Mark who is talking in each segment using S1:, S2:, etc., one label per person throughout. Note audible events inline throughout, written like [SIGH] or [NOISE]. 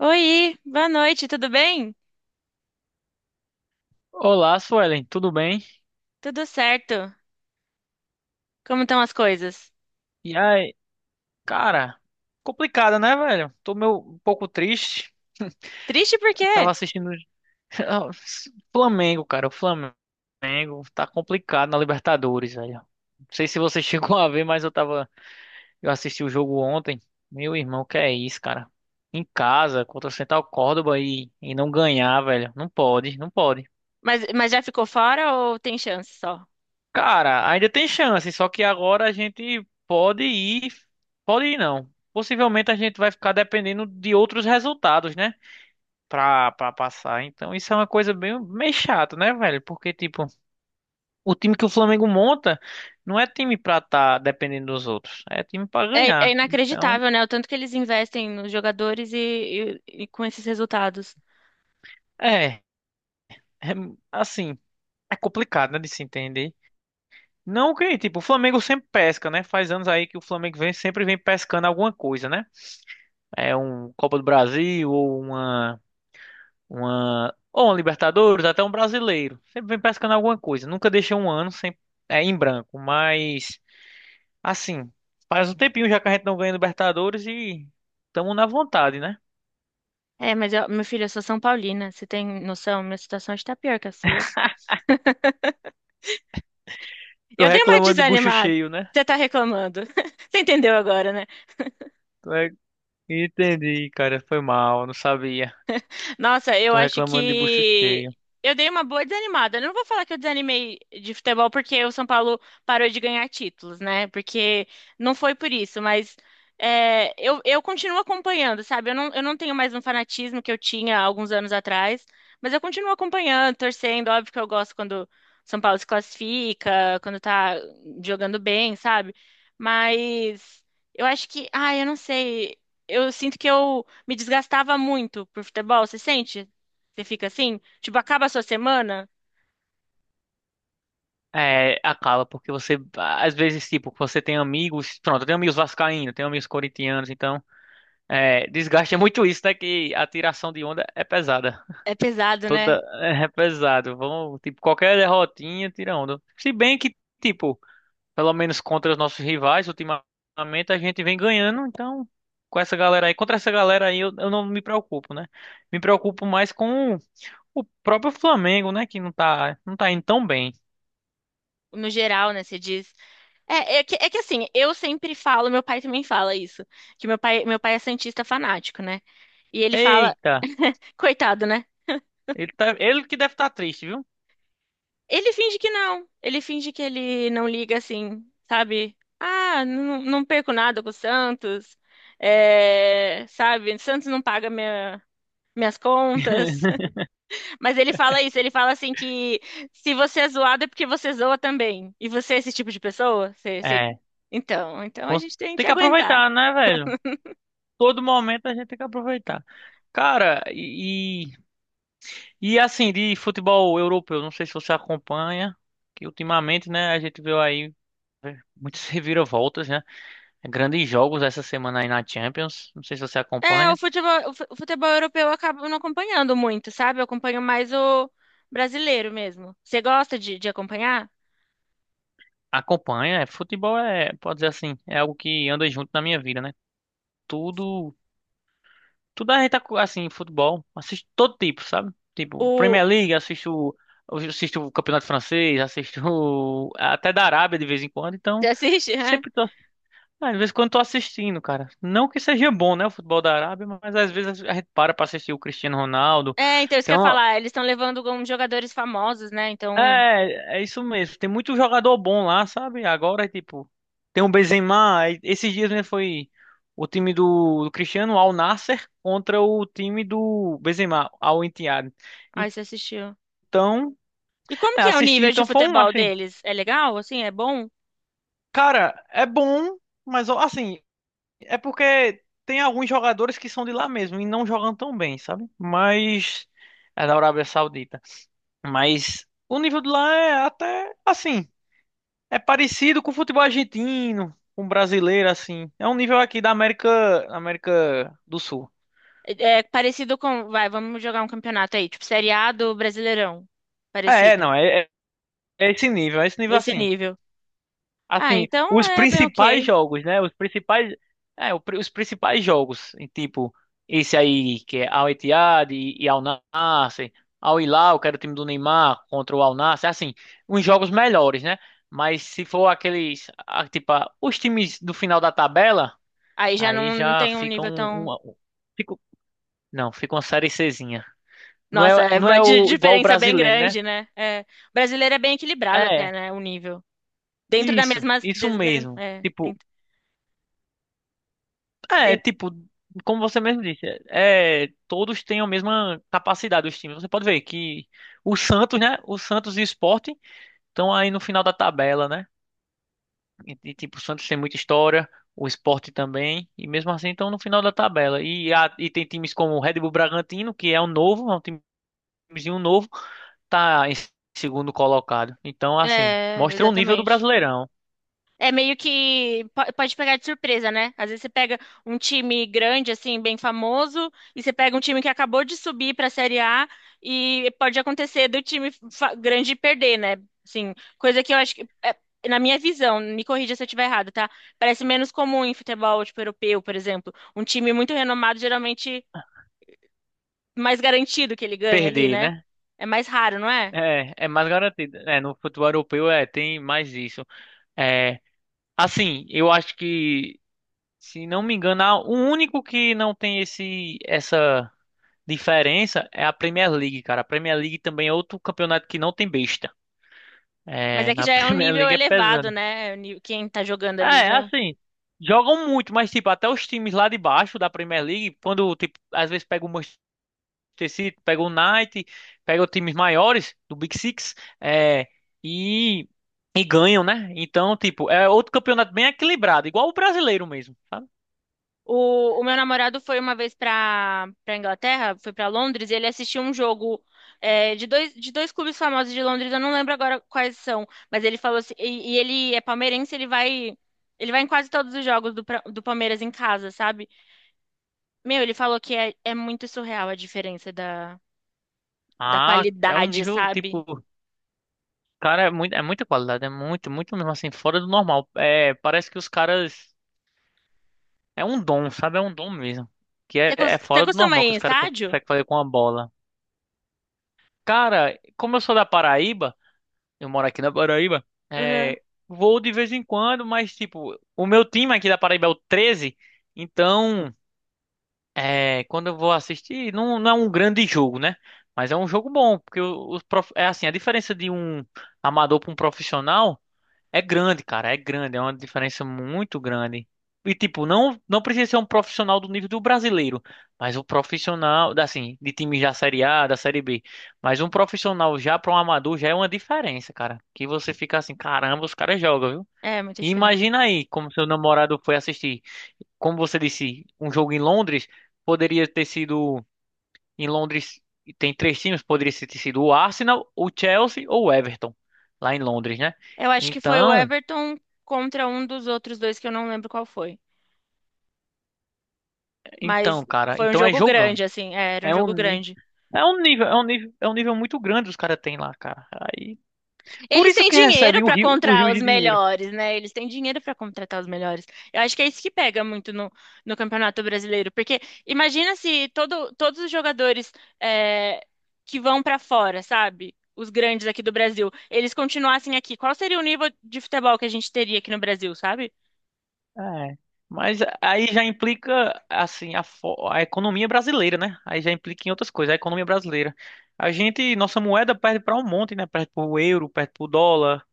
S1: Oi, boa noite, tudo bem?
S2: Olá, Suelen, tudo bem?
S1: Tudo certo. Como estão as coisas?
S2: E aí, cara, complicada, né, velho? Tô meio um pouco triste.
S1: Triste por quê?
S2: Tava assistindo [LAUGHS] Flamengo, cara. O Flamengo tá complicado na Libertadores, velho. Não sei se você [LAUGHS] chegou a ver, mas eu assisti o jogo ontem. Meu irmão, que é isso, cara? Em casa, contra o Central Córdoba e não ganhar, velho. Não pode, não pode.
S1: Mas já ficou fora ou tem chance só?
S2: Cara, ainda tem chance, só que agora a gente pode ir não. Possivelmente a gente vai ficar dependendo de outros resultados, né? Pra passar. Então isso é uma coisa bem, meio chata, né, velho? Porque, tipo, o time que o Flamengo monta não é time pra tá dependendo dos outros, é time pra
S1: É
S2: ganhar. Então,
S1: inacreditável, né? O tanto que eles investem nos jogadores e com esses resultados.
S2: é, é assim, é complicado, né, de se entender. Não que, tipo, o Flamengo sempre pesca, né? Faz anos aí que o Flamengo vem, sempre vem pescando alguma coisa, né? É um Copa do Brasil ou uma Libertadores, até um brasileiro. Sempre vem pescando alguma coisa. Nunca deixa um ano sem em branco, mas assim, faz um tempinho já que a gente não ganha Libertadores e estamos na vontade, né?
S1: É, mas meu filho, eu sou São Paulina, você tem noção? Minha situação está pior que a sua.
S2: Tô
S1: Eu dei uma
S2: reclamando de bucho
S1: desanimada.
S2: cheio, né?
S1: Você tá reclamando. [LAUGHS] Você entendeu agora, né?
S2: Tô re- Entendi, cara, foi mal, não sabia.
S1: Nossa, eu
S2: Tô
S1: acho
S2: reclamando de bucho
S1: que
S2: cheio.
S1: eu dei uma boa desanimada. Eu não vou falar que eu desanimei de futebol porque o São Paulo parou de ganhar títulos, né? Porque não foi por isso, mas eu continuo acompanhando, sabe? Eu não tenho mais um fanatismo que eu tinha há alguns anos atrás, mas eu continuo acompanhando, torcendo. Óbvio que eu gosto quando o São Paulo se classifica, quando tá jogando bem, sabe? Mas eu acho que, eu não sei. Eu sinto que eu me desgastava muito por futebol, você sente? Você fica assim? Tipo, acaba a sua semana?
S2: É, acaba, porque você, às vezes, tipo, você tem amigos, pronto, eu tenho amigos vascaínos, tenho amigos corintianos, então. É, desgaste é muito isso, né? Que a tiração de onda é pesada.
S1: É pesado, né?
S2: Toda é pesado. Vão, tipo, qualquer derrotinha tira onda. Se bem que, tipo, pelo menos contra os nossos rivais, ultimamente a gente vem ganhando, então com essa galera aí, contra essa galera aí eu não me preocupo, né? Me preocupo mais com o próprio Flamengo, né? Que não tá indo tão bem.
S1: No geral, né? Você diz. É, é que assim, eu sempre falo, meu pai também fala isso, que meu pai é santista fanático, né? E ele fala,
S2: Eita,
S1: [LAUGHS] coitado, né?
S2: ele que deve estar triste, viu?
S1: Ele finge que não. Ele finge que ele não liga assim, sabe? Ah, não, não perco nada com o Santos. É, sabe? Santos não paga minhas contas.
S2: [LAUGHS]
S1: Mas ele fala isso, ele fala assim que se você é zoado é porque você zoa também. E você é esse tipo de pessoa?
S2: É,
S1: Então, a
S2: pô,
S1: gente tem
S2: tem
S1: que
S2: que
S1: aguentar.
S2: aproveitar, né, velho? Todo momento a gente tem que aproveitar. Cara, e assim, de futebol europeu, não sei se você acompanha, que ultimamente, né, a gente viu aí muitas [LAUGHS] reviravoltas, né? Grandes jogos essa semana aí na Champions. Não sei se você
S1: É, o
S2: acompanha.
S1: futebol, o fu- o futebol europeu eu acabo não acompanhando muito, sabe? Eu acompanho mais o brasileiro mesmo. Você gosta de acompanhar?
S2: Acompanha, é, futebol é, pode dizer assim, é algo que anda junto na minha vida, né? Tudo, tudo a gente, assim, futebol, assisto todo tipo, sabe? Tipo,
S1: O...
S2: Premier League, assisto o Campeonato Francês, assisto [LAUGHS] até da Arábia de vez em quando,
S1: Você
S2: então...
S1: assiste, [LAUGHS] né?
S2: Sempre Ah, às vezes quando tô assistindo, cara. Não que seja bom, né, o futebol da Arábia, mas às vezes a gente para pra assistir o Cristiano Ronaldo.
S1: É, então isso que
S2: Tem
S1: eu ia
S2: uma...
S1: falar, eles estão levando alguns jogadores famosos, né? Então,
S2: É isso mesmo. Tem muito jogador bom lá, sabe? Agora, tipo, tem o Benzema. Aí, esses dias, né, foi o time do Cristiano Al Nassr contra o time do Benzema, Al Ittihad.
S1: aí você assistiu.
S2: Então,
S1: E como
S2: é,
S1: que é o
S2: assisti,
S1: nível de
S2: então foi um,
S1: futebol
S2: assim,
S1: deles? É legal, assim? É bom?
S2: cara, é bom, mas assim, é porque tem alguns jogadores que são de lá mesmo e não jogam tão bem, sabe? Mas é da Arábia Saudita. Mas o nível de lá é até assim, é parecido com o futebol argentino, com o brasileiro assim. É um nível aqui da América, América do Sul.
S1: É é parecido com. Vai, vamos jogar um campeonato aí, tipo Série A do Brasileirão.
S2: É, é,
S1: Parecido.
S2: não, é, é é esse nível, é esse nível
S1: Nesse
S2: assim.
S1: nível. Ah,
S2: Assim,
S1: então
S2: os
S1: é bem
S2: principais
S1: ok.
S2: jogos, né? Os principais, é, o pri- os principais jogos, em tipo esse aí que é Al Ittihad e Al Nassr, Al Hilal, que era o time do Neymar contra o Al Nassr, assim, uns jogos melhores, né? Mas se for aqueles, ah, tipo, ah, os times do final da tabela,
S1: Aí já
S2: aí
S1: não
S2: já
S1: tem um
S2: fica
S1: nível tão.
S2: fica- não, fica uma série Czinha. Não
S1: Nossa,
S2: é,
S1: é
S2: não é
S1: uma di-
S2: o, igual o
S1: diferença bem
S2: brasileiro, né?
S1: grande, né? É, o brasileiro é bem equilibrado até,
S2: É,
S1: né? O nível. Dentro da
S2: isso,
S1: mesma.
S2: isso
S1: des- me-
S2: mesmo.
S1: é,
S2: Tipo,
S1: dentro,
S2: é,
S1: dentro-
S2: tipo, como você mesmo disse, é, todos têm a mesma capacidade, os times. Você pode ver que o Santos, né? O Santos e o Sport estão aí no final da tabela, né? E, tipo, o Santos tem muita história, o Sport também, e mesmo assim estão no final da tabela. E tem times como o Red Bull Bragantino, que é um novo, é um timezinho novo, tá em segundo colocado. Então, assim, mostra o nível do
S1: exatamente.
S2: Brasileirão.
S1: É meio que pode pegar de surpresa, né? Às vezes você pega um time grande, assim, bem famoso, e você pega um time que acabou de subir para a Série A e pode acontecer do time grande perder, né? Assim, coisa que eu acho que, na minha visão, me corrija se eu estiver errado, tá? Parece menos comum em futebol, tipo, europeu, por exemplo. Um time muito renomado, geralmente, mais garantido que ele ganha ali,
S2: Perder,
S1: né?
S2: né?
S1: É mais raro, não é?
S2: É mais garantido. É, no futebol europeu tem mais isso. É, assim, eu acho que, se não me engano, o único que não tem esse essa diferença é a Premier League, cara. A Premier League também é outro campeonato que não tem besta.
S1: Mas
S2: É,
S1: é que
S2: na [LAUGHS]
S1: já é um
S2: Premier
S1: nível
S2: League é
S1: elevado,
S2: pesada.
S1: né? É. Quem tá jogando ali
S2: É,
S1: já.
S2: assim, jogam muito, mas tipo, até os times lá de baixo da Premier League, quando tipo, às vezes pega o Manchester City, pega o United, pega os times maiores do Big Six, é, e e ganham, né? Então, tipo, é outro campeonato bem equilibrado, igual o brasileiro mesmo, sabe?
S1: O meu namorado foi uma vez pra para Inglaterra, foi pra Londres, e ele assistiu um jogo de dois clubes famosos de Londres, eu não lembro agora quais são, mas ele falou assim, e ele é palmeirense, ele vai em quase todos os jogos do Palmeiras em casa, sabe? Meu, ele falou que é muito surreal a diferença da
S2: Ah, é um
S1: qualidade,
S2: nível,
S1: sabe?
S2: tipo, cara, é muito, é muita qualidade, é muito, muito mesmo assim, fora do normal. É, parece que os caras. É um dom, sabe? É um dom mesmo. Que é,
S1: Você,
S2: é
S1: cos- você
S2: fora do
S1: costuma ir
S2: normal que
S1: em
S2: os caras
S1: estádio?
S2: conseguem fazer com a bola. Cara, como eu sou da Paraíba, eu moro aqui na Paraíba,
S1: Uhum.
S2: é, vou de vez em quando, mas, tipo, o meu time aqui da Paraíba é o Treze então, quando eu vou assistir, não, não é um grande jogo, né? Mas é um jogo bom, porque é assim, a diferença de um amador para um profissional. É grande, cara, é grande, é uma diferença muito grande. E tipo, não não precisa ser um profissional do nível do brasileiro, mas um profissional, assim, de time da Série A, da Série B, mas um profissional já para um amador já é uma diferença, cara. Que você fica assim, caramba, os caras jogam, viu?
S1: É, muita
S2: E
S1: diferença.
S2: imagina aí como seu namorado foi assistir, como você disse, um jogo em Londres, poderia ter sido em Londres e tem três times, poderia ter sido o Arsenal, o Chelsea ou o Everton lá em Londres, né?
S1: Eu acho que foi o
S2: Então,
S1: Everton contra um dos outros dois que eu não lembro qual foi. Mas
S2: Então, cara,
S1: foi um
S2: então é
S1: jogo
S2: jogão.
S1: grande, assim, era um
S2: É um,
S1: jogo
S2: ni-
S1: grande.
S2: é um nível, é um nível, é um nível muito grande os caras têm lá, cara. Aí, por
S1: Eles
S2: isso
S1: têm
S2: que
S1: dinheiro
S2: recebem
S1: pra
S2: o
S1: comprar
S2: rio
S1: os
S2: de dinheiro.
S1: melhores, né? Eles têm dinheiro pra contratar os melhores. Eu acho que é isso que pega muito no Campeonato Brasileiro, porque imagina se todos os jogadores é, que vão pra fora, sabe? Os grandes aqui do Brasil, eles continuassem aqui. Qual seria o nível de futebol que a gente teria aqui no Brasil, sabe?
S2: É. Mas aí já implica assim a economia brasileira, né? Aí já implica em outras coisas, a economia brasileira. A gente, nossa moeda perde para um monte, né? Perde pro euro, perde pro dólar,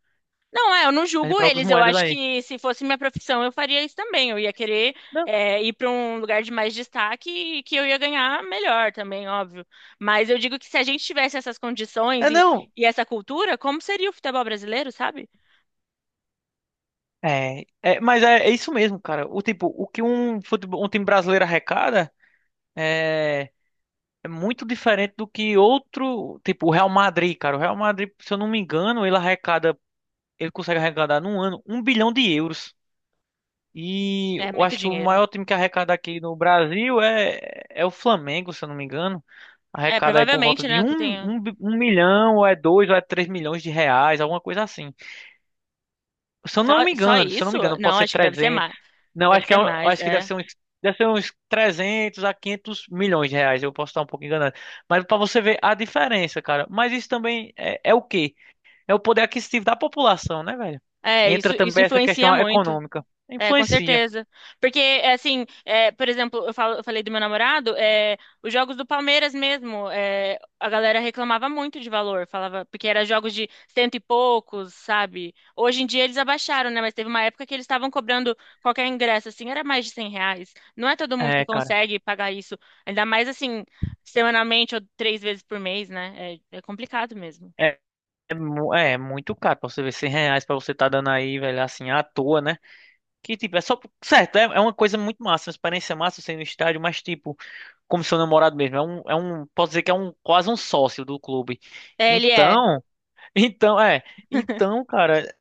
S1: Não, eu não
S2: perde
S1: julgo
S2: para outras
S1: eles. Eu
S2: moedas
S1: acho
S2: aí.
S1: que se fosse minha profissão, eu faria isso também. Eu ia querer
S2: Não,
S1: ir para um lugar de mais destaque e que eu ia ganhar melhor também, óbvio. Mas eu digo que se a gente tivesse essas condições
S2: é
S1: e,
S2: não.
S1: e essa cultura, como seria o futebol brasileiro, sabe?
S2: Mas é isso mesmo, cara. O tipo, o que um futebol, um time brasileiro arrecada, é É muito diferente do que outro, tipo o Real Madrid, cara. O Real Madrid, se eu não me engano, ele arrecada, ele consegue arrecadar num ano um bilhão de euros. E
S1: É
S2: eu
S1: muito
S2: acho que o
S1: dinheiro, né?
S2: maior time que arrecada aqui no Brasil é o Flamengo, se eu não me engano.
S1: É,
S2: Arrecada aí por volta
S1: provavelmente,
S2: de
S1: né, que
S2: um,
S1: tenha
S2: um, bi- um milhão, ou é dois, ou é R$ 3 milhões, alguma coisa assim. Se eu
S1: só,
S2: não me
S1: só
S2: engano, se eu não
S1: isso?
S2: me engano, pode
S1: Não,
S2: ser
S1: acho que deve ser
S2: 300.
S1: mais.
S2: Não,
S1: Deve
S2: acho que,
S1: ser mais,
S2: acho que deve
S1: é.
S2: ser uns, deve ser uns 300 a quinhentos milhões de reais. Eu posso estar um pouco enganado. Mas para você ver a diferença, cara. Mas isso também é o quê? É o poder aquisitivo da população, né, velho?
S1: É,
S2: Entra
S1: isso
S2: também essa
S1: influencia
S2: questão
S1: muito.
S2: econômica.
S1: É, com
S2: Influencia.
S1: certeza. Porque, assim, por exemplo, eu falei do meu namorado, os jogos do Palmeiras mesmo, a galera reclamava muito de valor, falava, porque eram jogos de cento e poucos, sabe? Hoje em dia eles abaixaram, né? Mas teve uma época que eles estavam cobrando qualquer ingresso, assim, era mais de R$ 100. Não é todo mundo que
S2: É, cara.
S1: consegue pagar isso, ainda mais, assim, semanalmente ou três vezes por mês, né? É complicado mesmo.
S2: É, é muito caro pra você ver R$ 100 pra você tá dando aí, velho, assim, à toa, né? Que tipo, é só. Certo, é uma coisa muito massa, uma experiência massa você ir no estádio, mas tipo, como seu namorado mesmo, é um, é um. Posso dizer que é um quase um sócio do clube.
S1: É, ele é.
S2: Então. Então, é. Então, cara,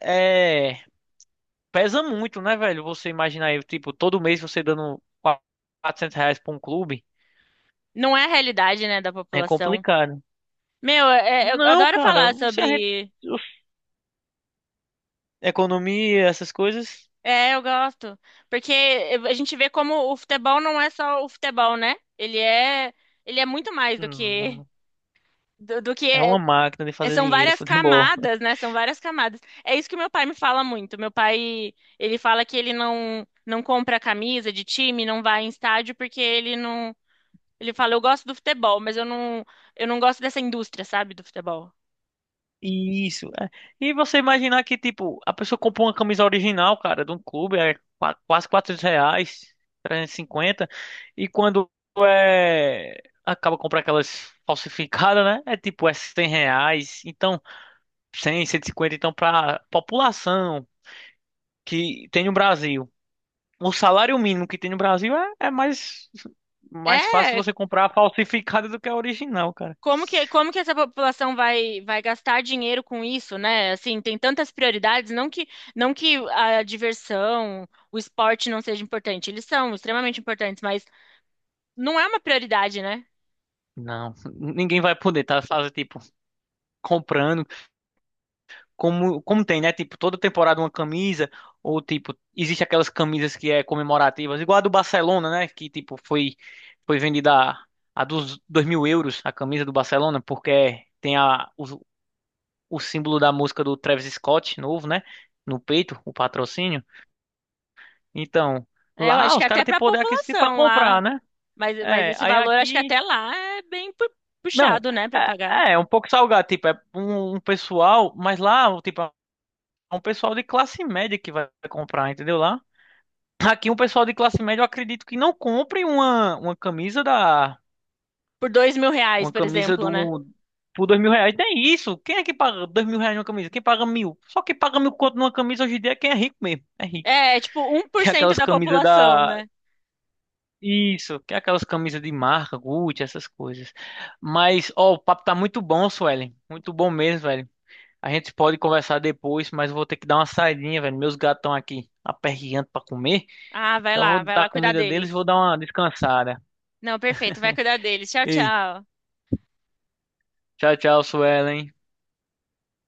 S2: é. Pesa muito, né, velho? Você imaginar aí, tipo, todo mês você dando R$ 400 pra um clube.
S1: Não é a realidade, né, da
S2: É
S1: população.
S2: complicado.
S1: Meu, eu
S2: Não,
S1: adoro
S2: cara,
S1: falar
S2: se a gente.
S1: sobre.
S2: Uf, economia, essas coisas.
S1: É, eu gosto. Porque a gente vê como o futebol não é só o futebol, né? Ele é muito mais do que
S2: hum,
S1: do, do que
S2: É
S1: é-
S2: uma máquina de
S1: é-
S2: fazer
S1: são
S2: dinheiro, [LAUGHS]
S1: várias
S2: futebol.
S1: camadas, né? São várias camadas. É isso que meu pai me fala muito. Meu pai, ele fala que ele não compra camisa de time, não vai em estádio porque ele não, ele fala, eu gosto do futebol, mas eu não gosto dessa indústria, sabe, do futebol.
S2: Isso. é. E você imaginar que, tipo, a pessoa comprou uma camisa original, cara, de um clube, é quase R$ 400, 350 e quando acaba comprando aquelas falsificadas, né? É tipo, é R$ 100, então, cem cento e cinquenta então, pra população que tem no Brasil, o salário mínimo que tem no Brasil é mais fácil
S1: É,
S2: você comprar a falsificada do que a original, cara.
S1: como que essa população vai gastar dinheiro com isso, né? Assim, tem tantas prioridades, não que a diversão, o esporte não seja importante, eles são extremamente importantes, mas não é uma prioridade, né?
S2: Não, ninguém vai poder, tá? Fazer, tipo, comprando. Como tem, né? Tipo, toda temporada uma camisa, ou tipo, existe aquelas camisas que é comemorativas, igual a do Barcelona, né? Que tipo, foi vendida a dos 2.000 euros a camisa do Barcelona, porque tem o símbolo da música do Travis Scott novo, né? No peito, o patrocínio. Então,
S1: É, eu acho
S2: lá
S1: que
S2: os
S1: é até
S2: caras têm
S1: para a
S2: poder aquisitivo pra
S1: população lá,
S2: comprar, né?
S1: mas
S2: É,
S1: esse
S2: aí
S1: valor, acho que
S2: aqui.
S1: até lá é bem pu-
S2: Não,
S1: puxado, né, para pagar.
S2: é um pouco salgado, tipo, é um pessoal, mas lá, tipo, é um pessoal de classe média que vai comprar, entendeu? Lá Aqui um pessoal de classe média, eu acredito que não compre uma camisa da.
S1: Por R$ 2.000,
S2: Uma
S1: por
S2: camisa
S1: exemplo, né?
S2: do. Por R$ 2.000. Nem isso. Quem é que paga R$ 2.000 numa camisa? Quem paga mil? Só quem paga mil conto numa camisa hoje em dia é quem é rico mesmo. É rico.
S1: É tipo, um por
S2: Que é
S1: cento
S2: aquelas
S1: da
S2: camisas
S1: população,
S2: da.
S1: né?
S2: Isso, que é aquelas camisas de marca, Gucci, essas coisas. Mas, ó, o papo tá muito bom, Suelen. Muito bom mesmo, velho. A gente pode conversar depois, mas eu vou ter que dar uma saidinha, velho. Meus gatos estão aqui aperreando pra comer.
S1: Ah,
S2: Então eu vou
S1: vai
S2: dar
S1: lá cuidar
S2: comida
S1: deles.
S2: deles e vou dar uma descansada.
S1: Não, perfeito, vai cuidar deles. Tchau,
S2: Ei,
S1: tchau.
S2: tchau, tchau, Suelen.